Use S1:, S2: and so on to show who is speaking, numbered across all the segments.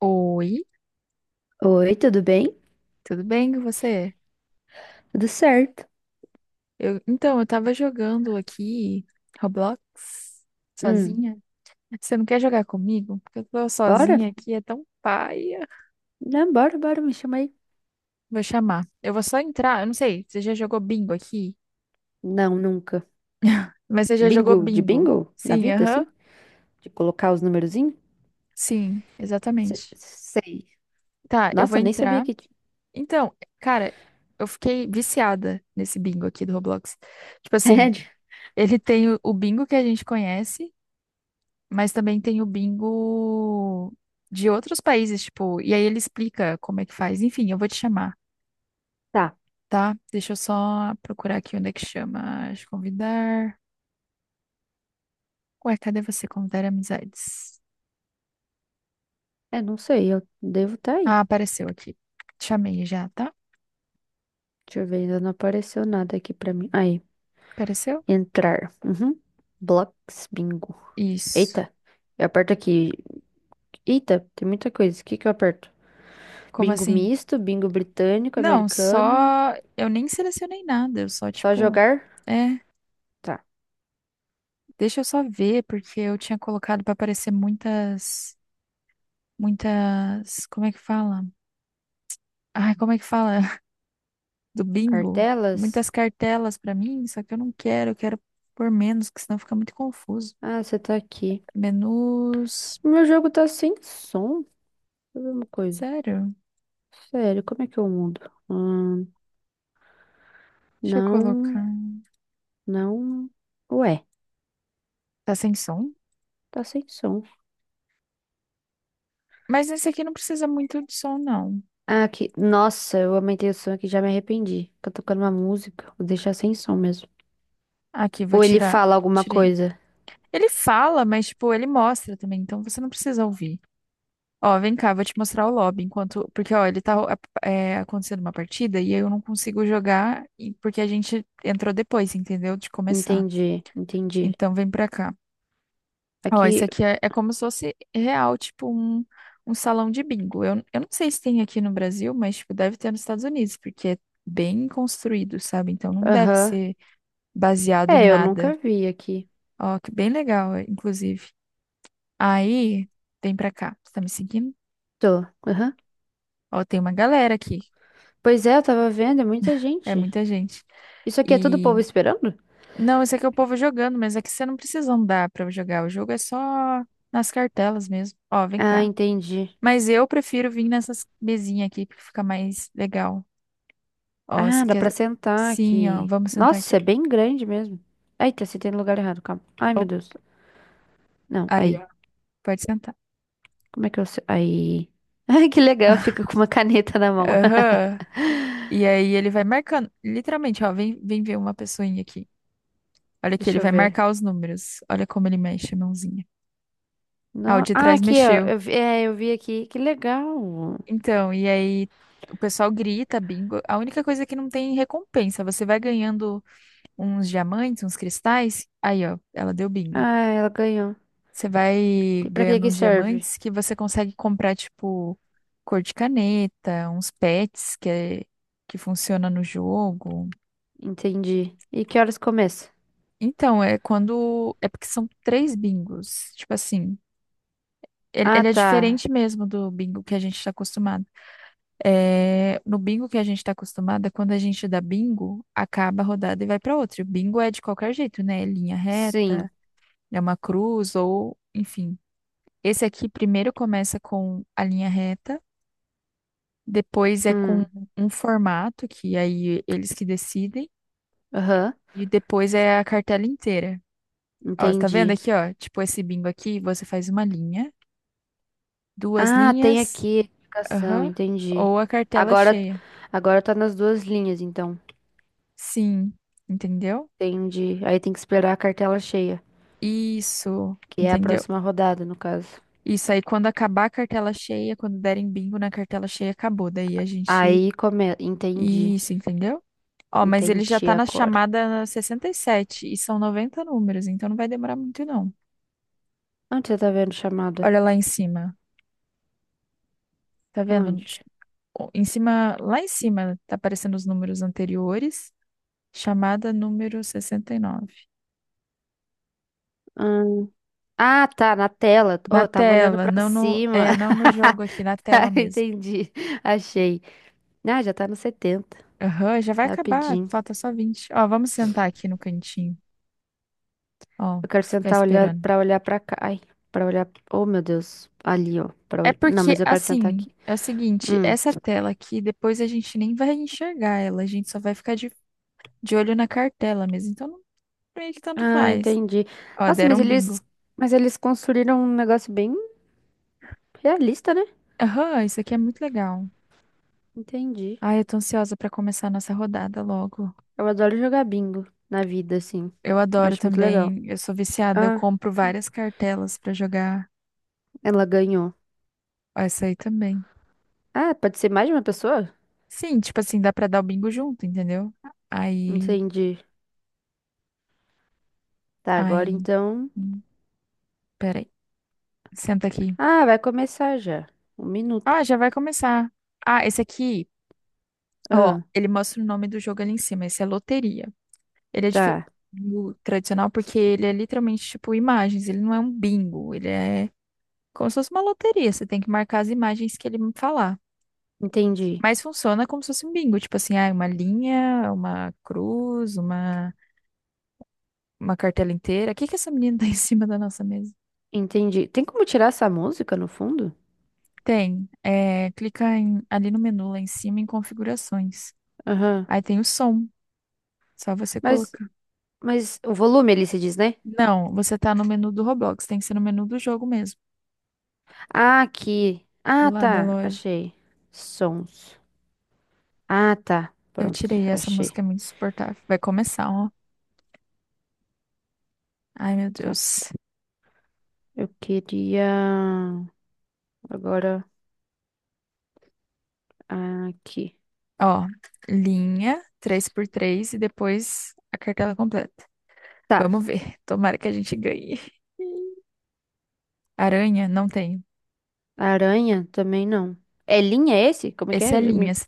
S1: Oi,
S2: Oi, tudo bem?
S1: tudo bem com você?
S2: Tudo certo.
S1: Então, eu tava jogando aqui Roblox
S2: Hum,
S1: sozinha. Você não quer jogar comigo? Porque eu tô
S2: bora?
S1: sozinha aqui, é tão paia.
S2: Não, bora, bora, me chama aí.
S1: Vou chamar. Eu vou só entrar, eu não sei, você já jogou bingo aqui?
S2: Não, nunca.
S1: Mas você já jogou
S2: Bingo, de
S1: bingo?
S2: bingo? Na
S1: Sim,
S2: vida,
S1: aham.
S2: assim? De colocar os numerozinhos?
S1: Sim, exatamente.
S2: Sei.
S1: Tá, eu vou
S2: Nossa, nem sabia
S1: entrar.
S2: que tinha.
S1: Então, cara, eu fiquei viciada nesse bingo aqui do Roblox. Tipo assim,
S2: Sério?
S1: ele tem o bingo que a gente conhece. Mas também tem o bingo de outros países, tipo, e aí ele explica como é que faz. Enfim, eu vou te chamar,
S2: Tá.
S1: tá? Deixa eu só procurar aqui onde é que chama. Deixa eu convidar. Ué, cadê você? Convidar amizades.
S2: É, não sei, eu devo estar aí.
S1: Ah, apareceu aqui. Te chamei já, tá?
S2: Deixa eu ver, ainda não apareceu nada aqui pra mim. Aí,
S1: Apareceu?
S2: entrar. Uhum. Blocks, bingo.
S1: Isso.
S2: Eita, eu aperto aqui. Eita, tem muita coisa. O que que eu aperto?
S1: Como
S2: Bingo
S1: assim?
S2: misto, bingo britânico,
S1: Não,
S2: americano.
S1: só. Eu nem selecionei nada, eu só,
S2: Só
S1: tipo.
S2: jogar?
S1: É,
S2: Tá.
S1: deixa eu só ver, porque eu tinha colocado pra aparecer muitas. Muitas. Como é que fala? Ai, como é que fala? Do bingo,
S2: Cartelas?
S1: muitas cartelas pra mim, só que eu não quero, eu quero por menos, que senão fica muito confuso.
S2: Ah, você tá aqui.
S1: Menus.
S2: Meu jogo tá sem som. Deixa eu ver uma coisa.
S1: Sério?
S2: Sério, como é que eu mudo? Hum,
S1: Deixa eu
S2: não,
S1: colocar.
S2: não. Ué,
S1: Tá sem som?
S2: tá sem som.
S1: Mas esse aqui não precisa muito de som, não.
S2: Ah, aqui. Nossa, eu aumentei o som aqui, já me arrependi. Tá tocando uma música, vou deixar sem som mesmo.
S1: Aqui, vou
S2: Ou ele
S1: tirar.
S2: fala alguma
S1: Tirei.
S2: coisa.
S1: Ele fala, mas, tipo, ele mostra também, então você não precisa ouvir. Ó, vem cá, vou te mostrar o lobby, enquanto... Porque, ó, ele tá acontecendo uma partida e eu não consigo jogar porque a gente entrou depois, entendeu? De começar.
S2: Entendi, entendi.
S1: Então, vem pra cá. Ó, isso
S2: Aqui,
S1: aqui é como se fosse real, tipo um salão de bingo. Eu não sei se tem aqui no Brasil, mas tipo, deve ter nos Estados Unidos, porque é bem construído, sabe? Então não deve
S2: aham.
S1: ser baseado em
S2: É, eu
S1: nada.
S2: nunca vi aqui.
S1: Ó, que bem legal, é, inclusive. Aí, vem pra cá. Você tá me seguindo?
S2: Tô, aham.
S1: Ó, tem uma galera aqui.
S2: Pois é, eu tava vendo, é muita
S1: É
S2: gente.
S1: muita gente.
S2: Isso aqui é tudo
S1: E.
S2: povo esperando?
S1: Não, esse aqui é o povo jogando, mas aqui você não precisa andar pra jogar. O jogo é só nas cartelas mesmo. Ó, vem
S2: Ah,
S1: cá.
S2: entendi.
S1: Mas eu prefiro vir nessas mesinhas aqui, porque fica mais legal. Ó,
S2: Ah,
S1: você
S2: dá pra
S1: quer.
S2: sentar
S1: Sim, ó,
S2: aqui.
S1: vamos sentar aqui.
S2: Nossa, é bem grande mesmo. Eita, sentei no lugar errado, calma. Ai,
S1: Ó.
S2: meu Deus. Não,
S1: Aí, ó,
S2: aí.
S1: pode sentar.
S2: Como é que eu. Aí. Ai, que legal, fica com uma caneta na mão.
S1: Aham. E aí ele vai marcando. Literalmente, ó, vem, vem ver uma pessoinha aqui. Olha aqui, ele
S2: Deixa eu
S1: vai
S2: ver.
S1: marcar os números. Olha como ele mexe a mãozinha. Ah, o
S2: No...
S1: de
S2: Ah,
S1: trás
S2: aqui, ó.
S1: mexeu.
S2: Eu vi... É, eu vi aqui. Que legal.
S1: Então, e aí o pessoal grita, bingo. A única coisa é que não tem recompensa. Você vai ganhando uns diamantes, uns cristais. Aí, ó, ela deu bingo.
S2: Ah, ela ganhou.
S1: Você vai
S2: E pra que
S1: ganhando
S2: que
S1: uns
S2: serve?
S1: diamantes que você consegue comprar, tipo, cor de caneta, uns pets que, é, que funciona no jogo.
S2: Entendi. E que horas começa?
S1: Então, é quando. É porque são três bingos. Tipo assim, ele,
S2: Ah,
S1: ele é
S2: tá.
S1: diferente mesmo do bingo que a gente está acostumado. É, no bingo que a gente está acostumado, é quando a gente dá bingo, acaba a rodada e vai para outra. E o bingo é de qualquer jeito, né? É linha
S2: Sim.
S1: reta, é uma cruz, ou, enfim. Esse aqui primeiro começa com a linha reta. Depois é com
S2: Hum.
S1: um formato, que aí eles que decidem.
S2: Aham.
S1: E depois é a cartela inteira. Ó, tá vendo
S2: Entendi.
S1: aqui, ó? Tipo esse bingo aqui, você faz uma linha, duas
S2: Ah, tem
S1: linhas,
S2: aqui a explicação,
S1: aham,
S2: entendi.
S1: ou a cartela
S2: Agora,
S1: cheia.
S2: agora tá nas duas linhas, então.
S1: Sim, entendeu?
S2: Entendi. Aí tem que esperar a cartela cheia,
S1: Isso,
S2: que é a
S1: entendeu?
S2: próxima rodada, no caso.
S1: Isso aí, quando acabar a cartela cheia, quando derem bingo na cartela cheia, acabou. Daí a gente.
S2: Aí come... Entendi.
S1: Isso, entendeu? Ó, mas ele já
S2: Entendi
S1: tá na
S2: agora.
S1: chamada 67 e são 90 números, então não vai demorar muito, não.
S2: Onde você tá vendo chamada?
S1: Olha lá em cima. Tá vendo?
S2: Onde?
S1: Em cima, lá em cima, tá aparecendo os números anteriores. Chamada número 69.
S2: Hum, Ah, tá, na tela.
S1: Na
S2: Oh, tava olhando
S1: tela,
S2: pra
S1: não no,
S2: cima.
S1: não no jogo aqui, na tela
S2: Tá,
S1: mesmo.
S2: entendi. Achei. Ah, já tá no 70.
S1: Aham, já vai acabar,
S2: Rapidinho.
S1: falta só 20. Ó, vamos sentar aqui no cantinho. Ó,
S2: Eu quero
S1: ficar
S2: sentar olhar
S1: esperando.
S2: para olhar para cá. Ai, para olhar. Oh, meu Deus. Ali, ó, para
S1: É
S2: olhar. Não,
S1: porque,
S2: mas eu quero sentar
S1: assim,
S2: aqui.
S1: é o seguinte,
S2: Hum.
S1: essa tela aqui, depois a gente nem vai enxergar ela, a gente só vai ficar de olho na cartela mesmo. Então, não, meio que tanto
S2: Ah,
S1: faz.
S2: entendi.
S1: Ó,
S2: Nossa,
S1: deram
S2: mas
S1: um
S2: eles
S1: bingo.
S2: mas eles construíram um negócio bem realista, né?
S1: Aham, isso aqui é muito legal.
S2: Entendi.
S1: Ai, eu tô ansiosa pra começar a nossa rodada logo.
S2: Eu adoro jogar bingo na vida assim.
S1: Eu
S2: Eu
S1: adoro
S2: acho muito legal.
S1: também, eu sou viciada, eu
S2: Ah,
S1: compro várias cartelas pra jogar
S2: ela ganhou.
S1: essa aí também.
S2: Ah, pode ser mais de uma pessoa?
S1: Sim, tipo assim, dá pra dar o bingo junto, entendeu? Aí,
S2: Entendi. Tá, agora
S1: aí,
S2: então.
S1: hum, peraí, senta aqui.
S2: Ah, vai começar já. Um
S1: Ah,
S2: minuto.
S1: já vai começar. Ah, esse aqui, ó,
S2: Ah,
S1: ele mostra o nome do jogo ali em cima, esse é loteria. Ele é diferente
S2: tá.
S1: do tradicional porque ele é literalmente tipo imagens, ele não é um bingo, ele é como se fosse uma loteria, você tem que marcar as imagens que ele falar.
S2: Entendi.
S1: Mas funciona como se fosse um bingo, tipo assim, ah, uma linha, uma cruz, uma cartela inteira. O que que essa menina tá em cima da nossa mesa?
S2: Entendi. Tem como tirar essa música no fundo?
S1: Tem, é, clica ali no menu lá em cima em configurações.
S2: Aham.
S1: Aí tem o som, só você
S2: Mas,
S1: colocar.
S2: mas o volume ali se diz, né?
S1: Não, você tá no menu do Roblox, tem que ser no menu do jogo mesmo,
S2: Ah, aqui.
S1: do
S2: Ah,
S1: lado da
S2: tá.
S1: loja.
S2: Achei. Sons. Ah, tá.
S1: Eu
S2: Pronto.
S1: tirei, essa música
S2: Achei.
S1: é muito insuportável. Vai começar, ó. Ai, meu
S2: Tá.
S1: Deus.
S2: Eu queria. Agora. Aqui.
S1: Ó, linha, três por três e depois a cartela completa.
S2: Tá.
S1: Vamos ver. Tomara que a gente ganhe. Aranha, não tenho.
S2: Aranha também não. É linha esse? Como é que
S1: Esse é
S2: é?
S1: linhas.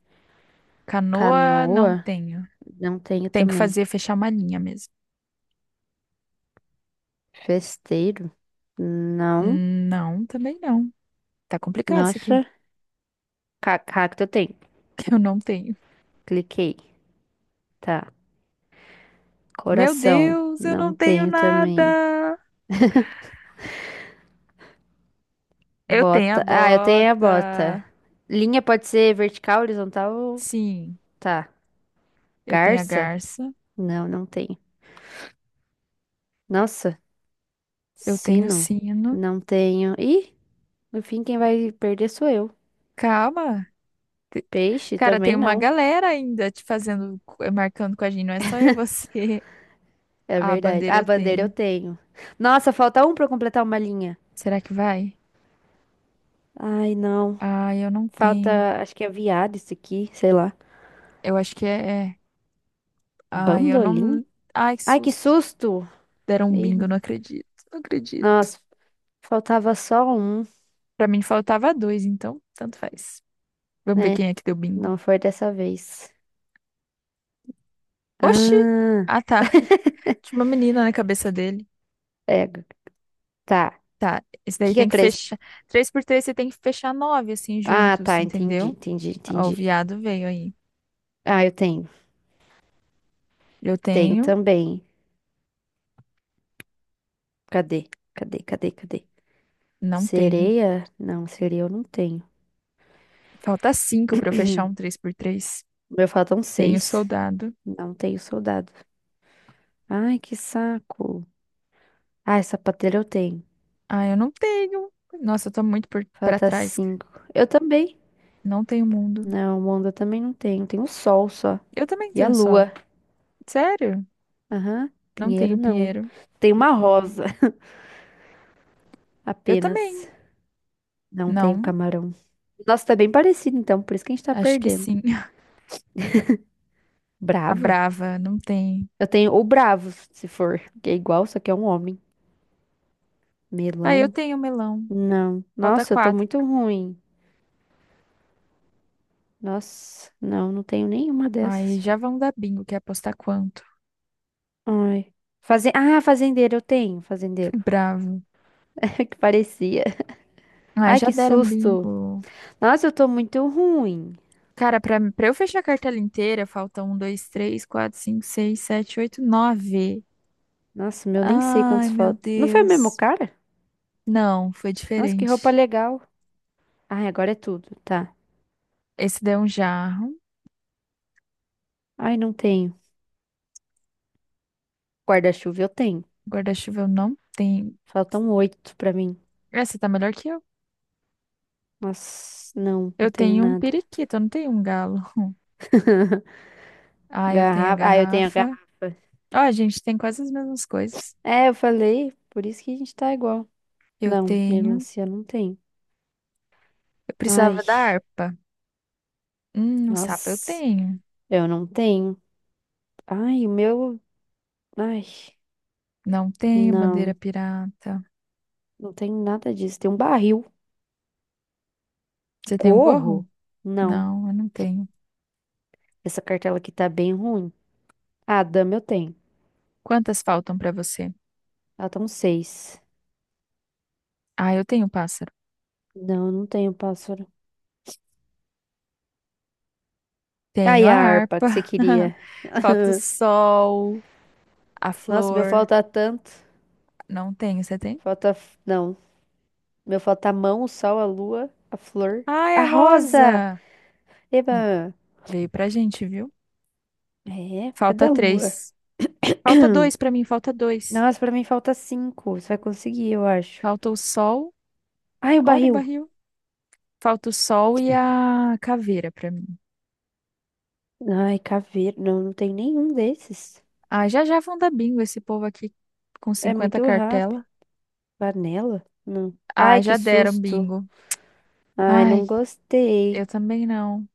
S1: Canoa, não
S2: Canoa?
S1: tenho.
S2: Não tenho
S1: Tem que
S2: também.
S1: fazer, fechar uma linha mesmo.
S2: Festeiro? Não.
S1: Não, também não. Tá complicado isso aqui.
S2: Nossa. Cacto eu tenho.
S1: Eu não tenho.
S2: Cliquei. Tá.
S1: Meu
S2: Coração?
S1: Deus, eu
S2: Não
S1: não tenho
S2: tenho também.
S1: nada. Eu tenho a
S2: Bota. Ah, eu tenho a bota.
S1: bota.
S2: Linha pode ser vertical, horizontal. Ou-
S1: Sim,
S2: Tá.
S1: eu tenho a
S2: Garça?
S1: garça.
S2: Não, não tenho. Nossa,
S1: Eu tenho o
S2: sino?
S1: sino.
S2: Não tenho. Ih, no fim quem vai perder sou eu.
S1: Calma. Te-
S2: Peixe
S1: Cara, tem
S2: também
S1: uma
S2: não.
S1: galera ainda te fazendo, marcando com a gente. Não é só eu e você.
S2: É
S1: A
S2: verdade.
S1: bandeira
S2: Ah,
S1: eu
S2: bandeira eu
S1: tenho.
S2: tenho. Nossa, falta um pra eu completar uma linha.
S1: Será que vai?
S2: Ai, não.
S1: Ai, eu não
S2: Falta,
S1: tenho.
S2: acho que é viado isso aqui, sei lá.
S1: Eu acho que é. Ai, eu
S2: Bandolim?
S1: não. Ai, que
S2: Ai, que
S1: susto.
S2: susto!
S1: Deram um
S2: Ih,
S1: bingo, não acredito. Não acredito.
S2: nossa, faltava só um.
S1: Pra mim faltava dois, então tanto faz. Vamos ver
S2: É,
S1: quem é que deu bingo.
S2: não foi dessa vez.
S1: Oxi!
S2: Ah.
S1: Ah, tá. Tinha uma menina na cabeça dele.
S2: É, tá.
S1: Tá, esse
S2: O que
S1: daí
S2: que é
S1: tem que
S2: três?
S1: fechar. Três por três, você tem que fechar nove, assim,
S2: Ah,
S1: juntos,
S2: tá, entendi,
S1: entendeu?
S2: entendi,
S1: Ó, o
S2: entendi.
S1: viado veio aí.
S2: Ah, eu tenho.
S1: Eu
S2: Tenho
S1: tenho,
S2: também. Cadê? Cadê, cadê, cadê?
S1: não tenho.
S2: Sereia? Não, sereia eu não tenho.
S1: Falta cinco pra eu fechar um três por três.
S2: O meu faltam
S1: Tenho
S2: seis.
S1: soldado.
S2: Não tenho soldado. Ai, que saco. Ai, sapateiro eu tenho.
S1: Ah, eu não tenho. Nossa, eu tô muito pra
S2: Falta
S1: trás.
S2: cinco. Eu também.
S1: Não tenho mundo.
S2: Não, onda eu também não tenho. Tem o sol só.
S1: Eu também
S2: E a
S1: tenho sol.
S2: lua.
S1: Sério?
S2: Aham.
S1: Não
S2: Pinheiro
S1: tenho
S2: não.
S1: pinheiro.
S2: Tem uma rosa
S1: Eu também.
S2: apenas. Não tenho
S1: Não,
S2: camarão. Nossa, tá bem parecido então, por isso que a gente tá
S1: acho que
S2: perdendo.
S1: sim. A
S2: Brava?
S1: Brava, não tem.
S2: Eu tenho o bravo, se for, que é igual, só que é um homem.
S1: Ah, eu
S2: Melão?
S1: tenho melão.
S2: Não.
S1: Falta
S2: Nossa, eu tô
S1: quatro.
S2: muito ruim. Nossa, não, não tenho nenhuma
S1: Aí
S2: dessas.
S1: já vão dar bingo, quer apostar quanto?
S2: Ai. Ah, fazendeiro, eu tenho, fazendeiro.
S1: Bravo.
S2: Que parecia.
S1: Ah,
S2: Ai,
S1: já
S2: que
S1: deram
S2: susto.
S1: bingo.
S2: Nossa, eu tô muito ruim.
S1: Cara, pra eu fechar a cartela inteira, falta um, dois, três, quatro, cinco, seis, sete, oito, nove.
S2: Nossa, meu, nem sei quantos
S1: Ai, meu
S2: faltam. Não foi o mesmo
S1: Deus.
S2: cara?
S1: Não, foi
S2: Nossa, que roupa
S1: diferente.
S2: legal. Ai, agora é tudo, tá.
S1: Esse deu um jarro.
S2: Ai, não tenho. Guarda-chuva eu tenho.
S1: Guarda-chuva eu não tenho.
S2: Faltam oito pra mim.
S1: Essa tá melhor que eu.
S2: Nossa, não,
S1: Eu
S2: não tenho
S1: tenho um
S2: nada.
S1: periquito, eu não tenho um galo. Ah, eu tenho a
S2: Garrafa. Ah, eu tenho a
S1: garrafa.
S2: garrafa.
S1: Ó, a gente tem quase as mesmas coisas.
S2: É, eu falei, por isso que a gente tá igual.
S1: Eu
S2: Não,
S1: tenho.
S2: melancia não tem.
S1: Eu
S2: Ai,
S1: precisava da harpa. O sapo eu
S2: nossa,
S1: tenho.
S2: eu não tenho. Ai, o meu. Ai,
S1: Não tenho bandeira
S2: não,
S1: pirata.
S2: não tenho nada disso. Tem um barril. Um
S1: Você tem um gorro?
S2: gorro? Não,
S1: Não, eu não tenho.
S2: essa cartela aqui tá bem ruim. Ah, dama eu tenho.
S1: Quantas faltam pra você?
S2: Ela tá um seis.
S1: Ah, eu tenho um pássaro.
S2: Não, eu não tenho pássaro.
S1: Tenho
S2: Ai,
S1: a
S2: a harpa que você
S1: harpa.
S2: queria.
S1: Falta o sol, a
S2: Nossa, meu
S1: flor.
S2: falta tanto.
S1: Não tenho. Você tem?
S2: Falta. Não. Meu falta a mão, o sol, a lua, a flor.
S1: Ai,
S2: A
S1: a
S2: rosa!
S1: rosa. Hum,
S2: Eba!
S1: Veio pra gente, viu?
S2: É, cadê
S1: Falta
S2: a lua?
S1: três. Falta dois pra mim, falta dois.
S2: Nossa, pra mim falta cinco. Você vai conseguir, eu acho.
S1: Falta o sol.
S2: Ai, o
S1: Olha o
S2: barril.
S1: barril. Falta o sol e a caveira pra mim.
S2: Ai, caveira. Não, não tem nenhum desses.
S1: Ah, já já vão dar bingo esse povo aqui com
S2: É
S1: 50
S2: muito rápido.
S1: cartela.
S2: Panela? Não.
S1: Ah,
S2: Ai, que
S1: já deram
S2: susto.
S1: bingo.
S2: Ai,
S1: Ai,
S2: não gostei. O
S1: eu também não.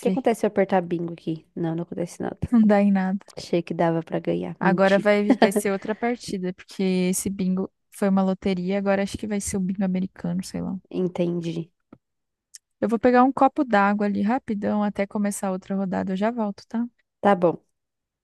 S2: que acontece se eu apertar bingo aqui? Não, não acontece nada.
S1: não dá em nada.
S2: Achei que dava pra ganhar.
S1: Agora
S2: Menti.
S1: vai, vai ser outra partida, porque esse bingo foi uma loteria, agora acho que vai ser o bingo americano, sei lá.
S2: Entendi.
S1: Eu vou pegar um copo d'água ali rapidão até começar outra rodada. Eu já volto, tá?
S2: Tá bom.